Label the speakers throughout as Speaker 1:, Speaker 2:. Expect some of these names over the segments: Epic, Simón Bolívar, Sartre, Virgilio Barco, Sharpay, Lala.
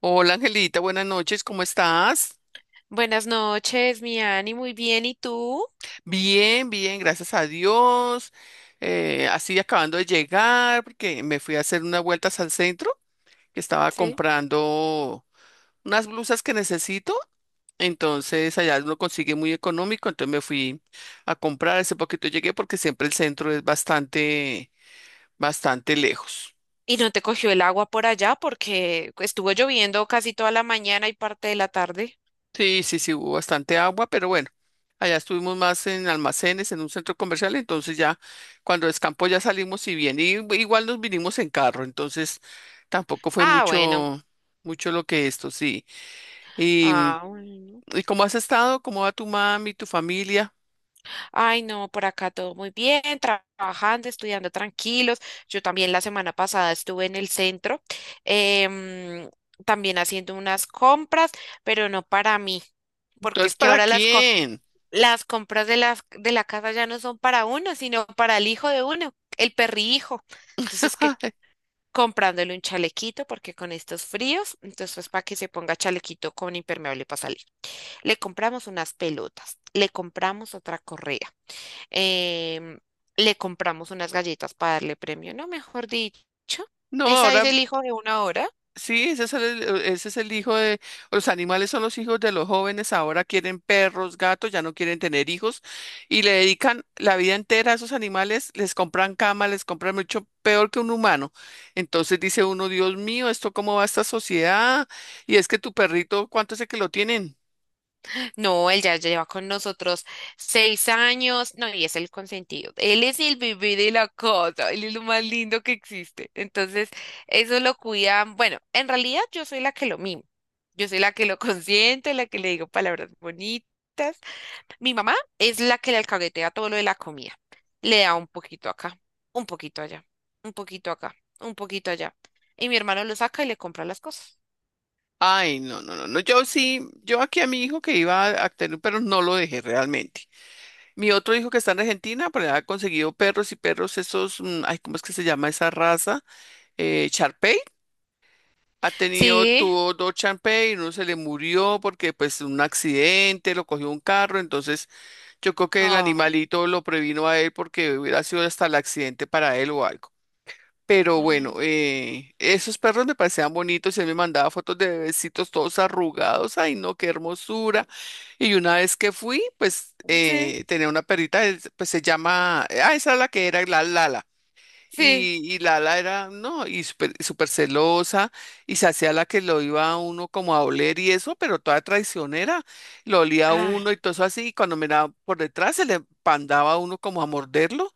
Speaker 1: Hola Angelita, buenas noches, ¿cómo estás?
Speaker 2: Buenas noches, mi Ani, muy bien. ¿Y tú?
Speaker 1: Bien, bien, gracias a Dios. Así acabando de llegar, porque me fui a hacer unas vueltas al centro, que estaba
Speaker 2: Sí.
Speaker 1: comprando unas blusas que necesito. Entonces allá lo consigue muy económico, entonces me fui a comprar. Hace poquito llegué porque siempre el centro es bastante lejos.
Speaker 2: ¿Y no te cogió el agua por allá porque estuvo lloviendo casi toda la mañana y parte de la tarde?
Speaker 1: Sí, sí, sí, hubo bastante agua, pero bueno, allá estuvimos más en almacenes, en un centro comercial, entonces ya cuando descampó ya salimos y bien, y igual nos vinimos en carro, entonces tampoco fue
Speaker 2: Ah, bueno.
Speaker 1: mucho, mucho lo que esto, sí. ¿Y,
Speaker 2: Ah,
Speaker 1: mm,
Speaker 2: bueno.
Speaker 1: y cómo has estado? ¿Cómo va tu mami, tu familia?
Speaker 2: Ay, no, por acá todo muy bien, trabajando, estudiando tranquilos. Yo también la semana pasada estuve en el centro, em, también haciendo unas compras, pero no para mí, porque
Speaker 1: Entonces,
Speaker 2: es que
Speaker 1: ¿para
Speaker 2: ahora las
Speaker 1: quién?
Speaker 2: las compras de la casa ya no son para uno, sino para el hijo de uno, el perrihijo. Entonces, que comprándole un chalequito, porque con estos fríos, entonces pues para que se ponga chalequito con impermeable para salir. Le compramos unas pelotas, le compramos otra correa, em, le compramos unas galletas para darle premio, no, mejor dicho.
Speaker 1: No,
Speaker 2: Esa es
Speaker 1: ahora
Speaker 2: el hijo de una hora.
Speaker 1: sí, ese es el hijo de, los animales son los hijos de los jóvenes, ahora quieren perros, gatos, ya no quieren tener hijos y le dedican la vida entera a esos animales, les compran cama, les compran mucho peor que un humano. Entonces dice uno, Dios mío, ¿esto cómo va esta sociedad? Y es que tu perrito, ¿cuánto sé que lo tienen?
Speaker 2: No, él ya lleva con nosotros 6 años. No, y es el consentido. Él es el bebé de la casa. Él es lo más lindo que existe. Entonces, eso lo cuidan. Bueno, en realidad yo soy la que lo mimo. Yo soy la que lo consiente, la que le digo palabras bonitas. Mi mamá es la que le alcahuetea todo lo de la comida. Le da un poquito acá, un poquito allá, un poquito acá, un poquito allá. Y mi hermano lo saca y le compra las cosas.
Speaker 1: Ay, no, no, no, no, yo sí, yo aquí a mi hijo que iba a tener un perro no lo dejé realmente. Mi otro hijo que está en Argentina, pues ha conseguido perros y perros esos, ay, ¿cómo es que se llama esa raza? Sharpay ha tenido,
Speaker 2: Sí.
Speaker 1: tuvo dos Sharpay, uno se le murió porque pues un accidente, lo cogió un carro, entonces yo creo que el
Speaker 2: Oh,
Speaker 1: animalito lo previno a él porque hubiera sido hasta el accidente para él o algo. Pero bueno, esos perros me parecían bonitos, él me mandaba fotos de bebecitos todos arrugados, ay no, qué hermosura. Y una vez que fui, pues
Speaker 2: sí,
Speaker 1: tenía una perrita, pues se llama, ah, esa es la que era, la Lala.
Speaker 2: sí.
Speaker 1: Y Lala era, no, y súper celosa, y se hacía la que lo iba a uno como a oler y eso, pero toda traicionera, lo olía a
Speaker 2: Ah,
Speaker 1: uno y todo eso así, y cuando miraba por detrás se le pandaba a uno como a morderlo,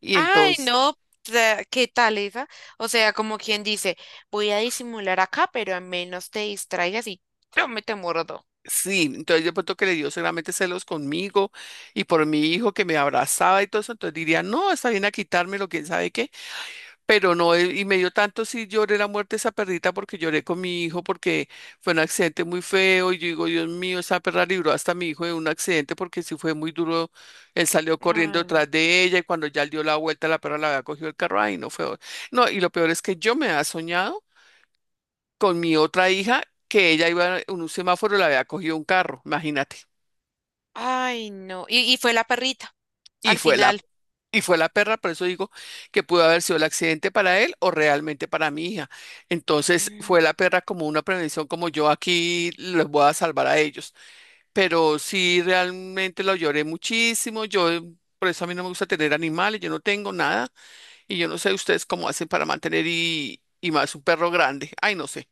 Speaker 1: y
Speaker 2: ay,
Speaker 1: entonces,
Speaker 2: no, ¿qué tal esa? O sea, como quien dice, voy a disimular acá, pero al menos te distraigas y yo me te muerdo.
Speaker 1: sí, entonces yo pronto que le dio seguramente celos conmigo y por mi hijo que me abrazaba y todo eso, entonces diría, no, está bien a quitármelo, quién sabe qué. Pero no, y me dio tanto si lloré la muerte de esa perrita porque lloré con mi hijo porque fue un accidente muy feo y yo digo, Dios mío, esa perra libró hasta a mi hijo de un accidente porque sí fue muy duro, él salió corriendo
Speaker 2: Ah,
Speaker 1: detrás de ella y cuando ya él dio la vuelta la perra la había cogido el carro, ay, no fue, no, y lo peor es que yo me había soñado con mi otra hija que ella iba en un semáforo y la había cogido un carro, imagínate.
Speaker 2: ay, no. Y fue la perrita,
Speaker 1: Y
Speaker 2: al
Speaker 1: fue la
Speaker 2: final.
Speaker 1: Y fue la perra, por eso digo que pudo haber sido el accidente para él o realmente para mi hija. Entonces fue
Speaker 2: Mm.
Speaker 1: la perra como una prevención, como yo aquí les voy a salvar a ellos. Pero sí, realmente lo lloré muchísimo. Yo, por eso a mí no me gusta tener animales, yo no tengo nada. Y yo no sé ustedes cómo hacen para mantener y más un perro grande. Ay, no sé.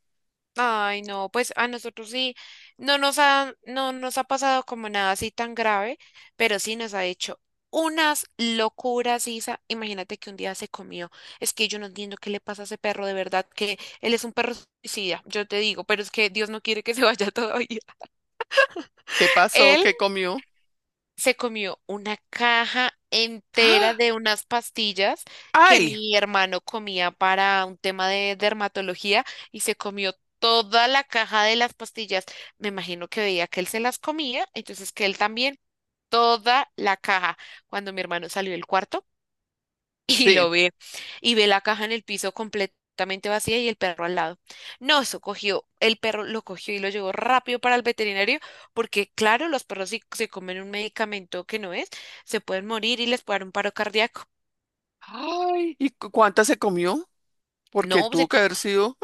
Speaker 2: Ay, no, pues a nosotros sí, no nos ha pasado como nada así tan grave, pero sí nos ha hecho unas locuras, Isa. Imagínate que un día se comió. Es que yo no entiendo qué le pasa a ese perro, de verdad, que él es un perro suicida, yo te digo, pero es que Dios no quiere que se vaya todavía.
Speaker 1: ¿Qué pasó?
Speaker 2: Él
Speaker 1: ¿Qué comió?
Speaker 2: se comió una caja entera
Speaker 1: ¡Ah!
Speaker 2: de unas pastillas que
Speaker 1: ¡Ay!
Speaker 2: mi hermano comía para un tema de dermatología y se comió toda la caja de las pastillas. Me imagino que veía que él se las comía, entonces que él también, toda la caja. Cuando mi hermano salió del cuarto, y
Speaker 1: Sí.
Speaker 2: lo ve y ve la caja en el piso completamente vacía y el perro al lado. No, eso cogió, el perro lo cogió y lo llevó rápido para el veterinario porque claro, los perros si se comen un medicamento que no es, se pueden morir y les puede dar un paro cardíaco.
Speaker 1: ¡Ay! ¿Y cuánta se comió? Porque
Speaker 2: No,
Speaker 1: tuvo que haber sido.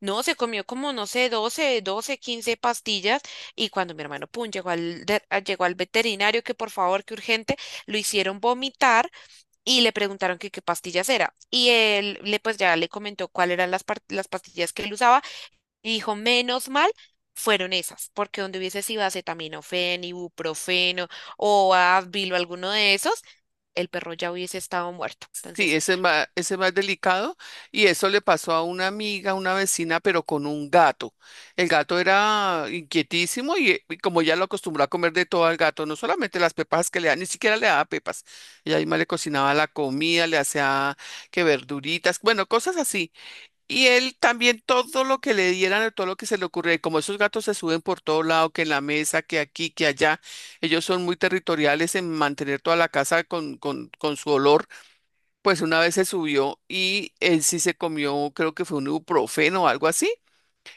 Speaker 2: no, se comió como, no sé, doce 15 pastillas y cuando mi hermano, pum, llegó al llegó al veterinario que por favor, que urgente, lo hicieron vomitar y le preguntaron que qué pastillas era. Y él le pues ya le comentó cuáles eran las pastillas que él usaba y dijo, menos mal fueron esas, porque donde hubiese sido acetaminofén, ibuprofeno o Advil o alguno de esos, el perro ya hubiese estado muerto.
Speaker 1: Sí,
Speaker 2: Entonces,
Speaker 1: ese es más delicado y eso le pasó a una amiga, una vecina, pero con un gato. El gato era inquietísimo y como ya lo acostumbró a comer de todo al gato, no solamente las pepas que le da, ni siquiera le daba pepas. Ella misma le cocinaba la comida, le hacía que verduritas, bueno, cosas así. Y él también todo lo que le dieran, todo lo que se le ocurría, y como esos gatos se suben por todo lado, que en la mesa, que aquí, que allá, ellos son muy territoriales en mantener toda la casa con su olor. Pues una vez se subió y él sí se comió, creo que fue un ibuprofeno o algo así,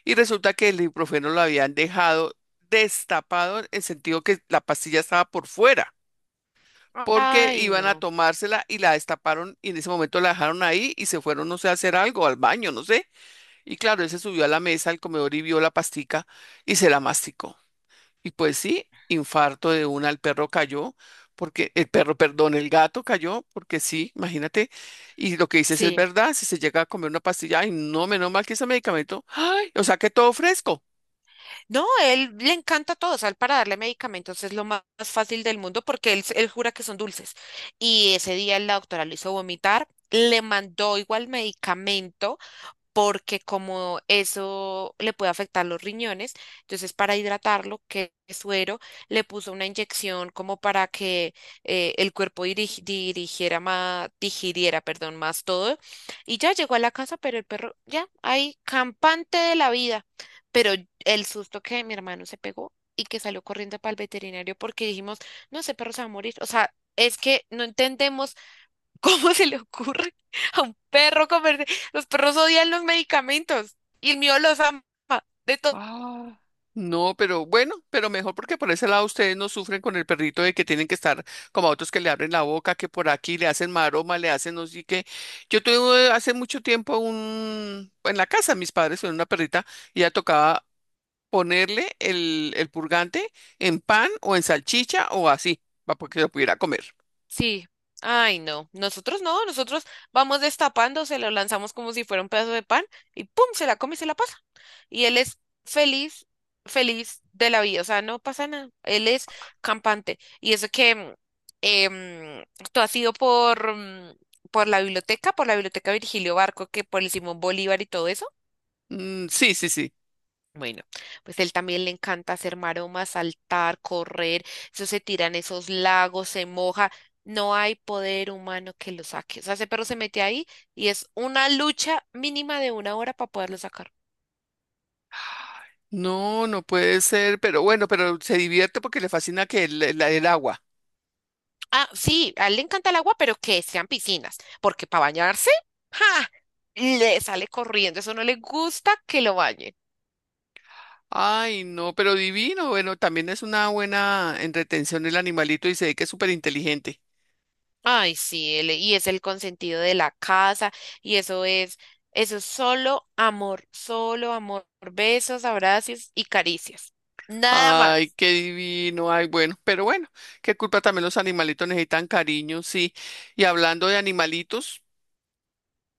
Speaker 1: y resulta que el ibuprofeno lo habían dejado destapado en el sentido que la pastilla estaba por fuera, porque
Speaker 2: ay,
Speaker 1: iban a
Speaker 2: no.
Speaker 1: tomársela y la destaparon y en ese momento la dejaron ahí y se fueron, no sé, a hacer algo, al baño, no sé. Y claro, él se subió a la mesa, al comedor y vio la pastica y se la masticó. Y pues sí, infarto de una, el perro cayó, porque el perro, perdón, el gato cayó, porque sí, imagínate. Y lo que dices es
Speaker 2: Sí.
Speaker 1: verdad, si se llega a comer una pastilla, ay, no, menos mal que ese medicamento, ay, o sea que todo fresco.
Speaker 2: No, él le encanta todo, o sea, él para darle medicamentos es lo más fácil del mundo porque él jura que son dulces. Y ese día la doctora lo hizo vomitar, le mandó igual medicamento porque como eso le puede afectar los riñones, entonces para hidratarlo, que es suero, le puso una inyección como para que el cuerpo dirigiera más, digiriera, perdón, más todo. Y ya llegó a la casa, pero el perro ya ahí, campante de la vida. Pero el susto que mi hermano se pegó y que salió corriendo para el veterinario porque dijimos, no, ese perro se va a morir. O sea, es que no entendemos. ¿Cómo se le ocurre a un perro comer? Los perros odian los medicamentos y el mío los ama de todo.
Speaker 1: Ah. No, pero bueno, pero mejor porque por ese lado ustedes no sufren con el perrito de que tienen que estar como a otros que le abren la boca, que por aquí le hacen maroma, le hacen no sé qué. Yo tuve hace mucho tiempo un, en la casa, mis padres tuvieron una perrita y ella tocaba ponerle el purgante en pan o en salchicha o así, para que lo pudiera comer.
Speaker 2: Sí. Ay, no. Nosotros no. Nosotros vamos destapando, se lo lanzamos como si fuera un pedazo de pan y pum, se la come y se la pasa. Y él es feliz, feliz de la vida. O sea, no pasa nada. Él es campante. Y eso que em, tú has ido por la biblioteca, por la biblioteca Virgilio Barco, que por el Simón Bolívar y todo eso.
Speaker 1: Mm, sí, sí, sí.
Speaker 2: Bueno, pues él también le encanta hacer maromas, saltar, correr, eso se tiran esos lagos, se moja, no hay poder humano que lo saque. O sea, ese perro se mete ahí y es una lucha mínima de una hora para poderlo sacar.
Speaker 1: No, no puede ser, pero bueno, pero se divierte porque le fascina que el agua.
Speaker 2: Ah, sí, a él le encanta el agua, pero que sean piscinas, porque para bañarse, ¡ja! Le sale corriendo, eso no le gusta que lo bañen.
Speaker 1: Ay, no, pero divino. Bueno, también es una buena en retención el animalito y se ve que es súper inteligente.
Speaker 2: Ay, sí, y es el consentido de la casa, y eso es solo amor, besos, abrazos y caricias, nada
Speaker 1: Ay,
Speaker 2: más.
Speaker 1: qué divino. Ay, bueno, pero bueno, qué culpa también los animalitos necesitan cariño, sí. Y hablando de animalitos,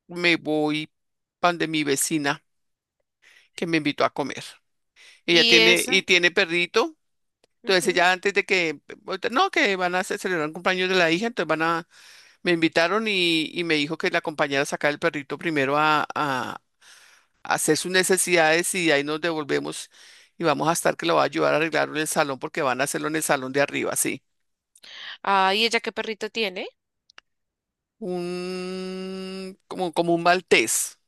Speaker 1: me voy pan de mi vecina que me invitó a comer. Ella
Speaker 2: Y
Speaker 1: tiene, y
Speaker 2: eso.
Speaker 1: tiene perrito. Entonces
Speaker 2: Ujú.
Speaker 1: ya antes de que, no, que van a celebrar un cumpleaños de la hija, entonces van a, me invitaron y me dijo que la acompañara a sacar el perrito primero a hacer sus necesidades y ahí nos devolvemos y vamos a estar que lo va a ayudar a arreglarlo en el salón porque van a hacerlo en el salón de arriba, sí.
Speaker 2: Ay, ¿ella qué perrito tiene?
Speaker 1: Un, como, como un maltés.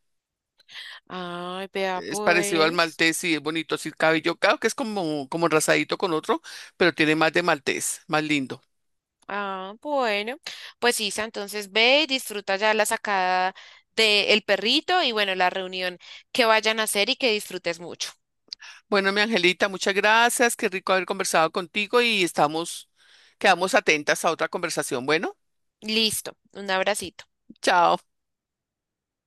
Speaker 2: Ay, vea
Speaker 1: Es parecido al
Speaker 2: pues.
Speaker 1: maltés y es bonito, así el cabello, claro que es como, como enrasadito con otro, pero tiene más de maltés, más lindo.
Speaker 2: Ah, bueno. Pues Isa, entonces ve y disfruta ya la sacada del perrito y bueno, la reunión que vayan a hacer y que disfrutes mucho.
Speaker 1: Bueno, mi Angelita, muchas gracias. Qué rico haber conversado contigo y estamos, quedamos atentas a otra conversación. Bueno,
Speaker 2: Listo, un abracito.
Speaker 1: chao.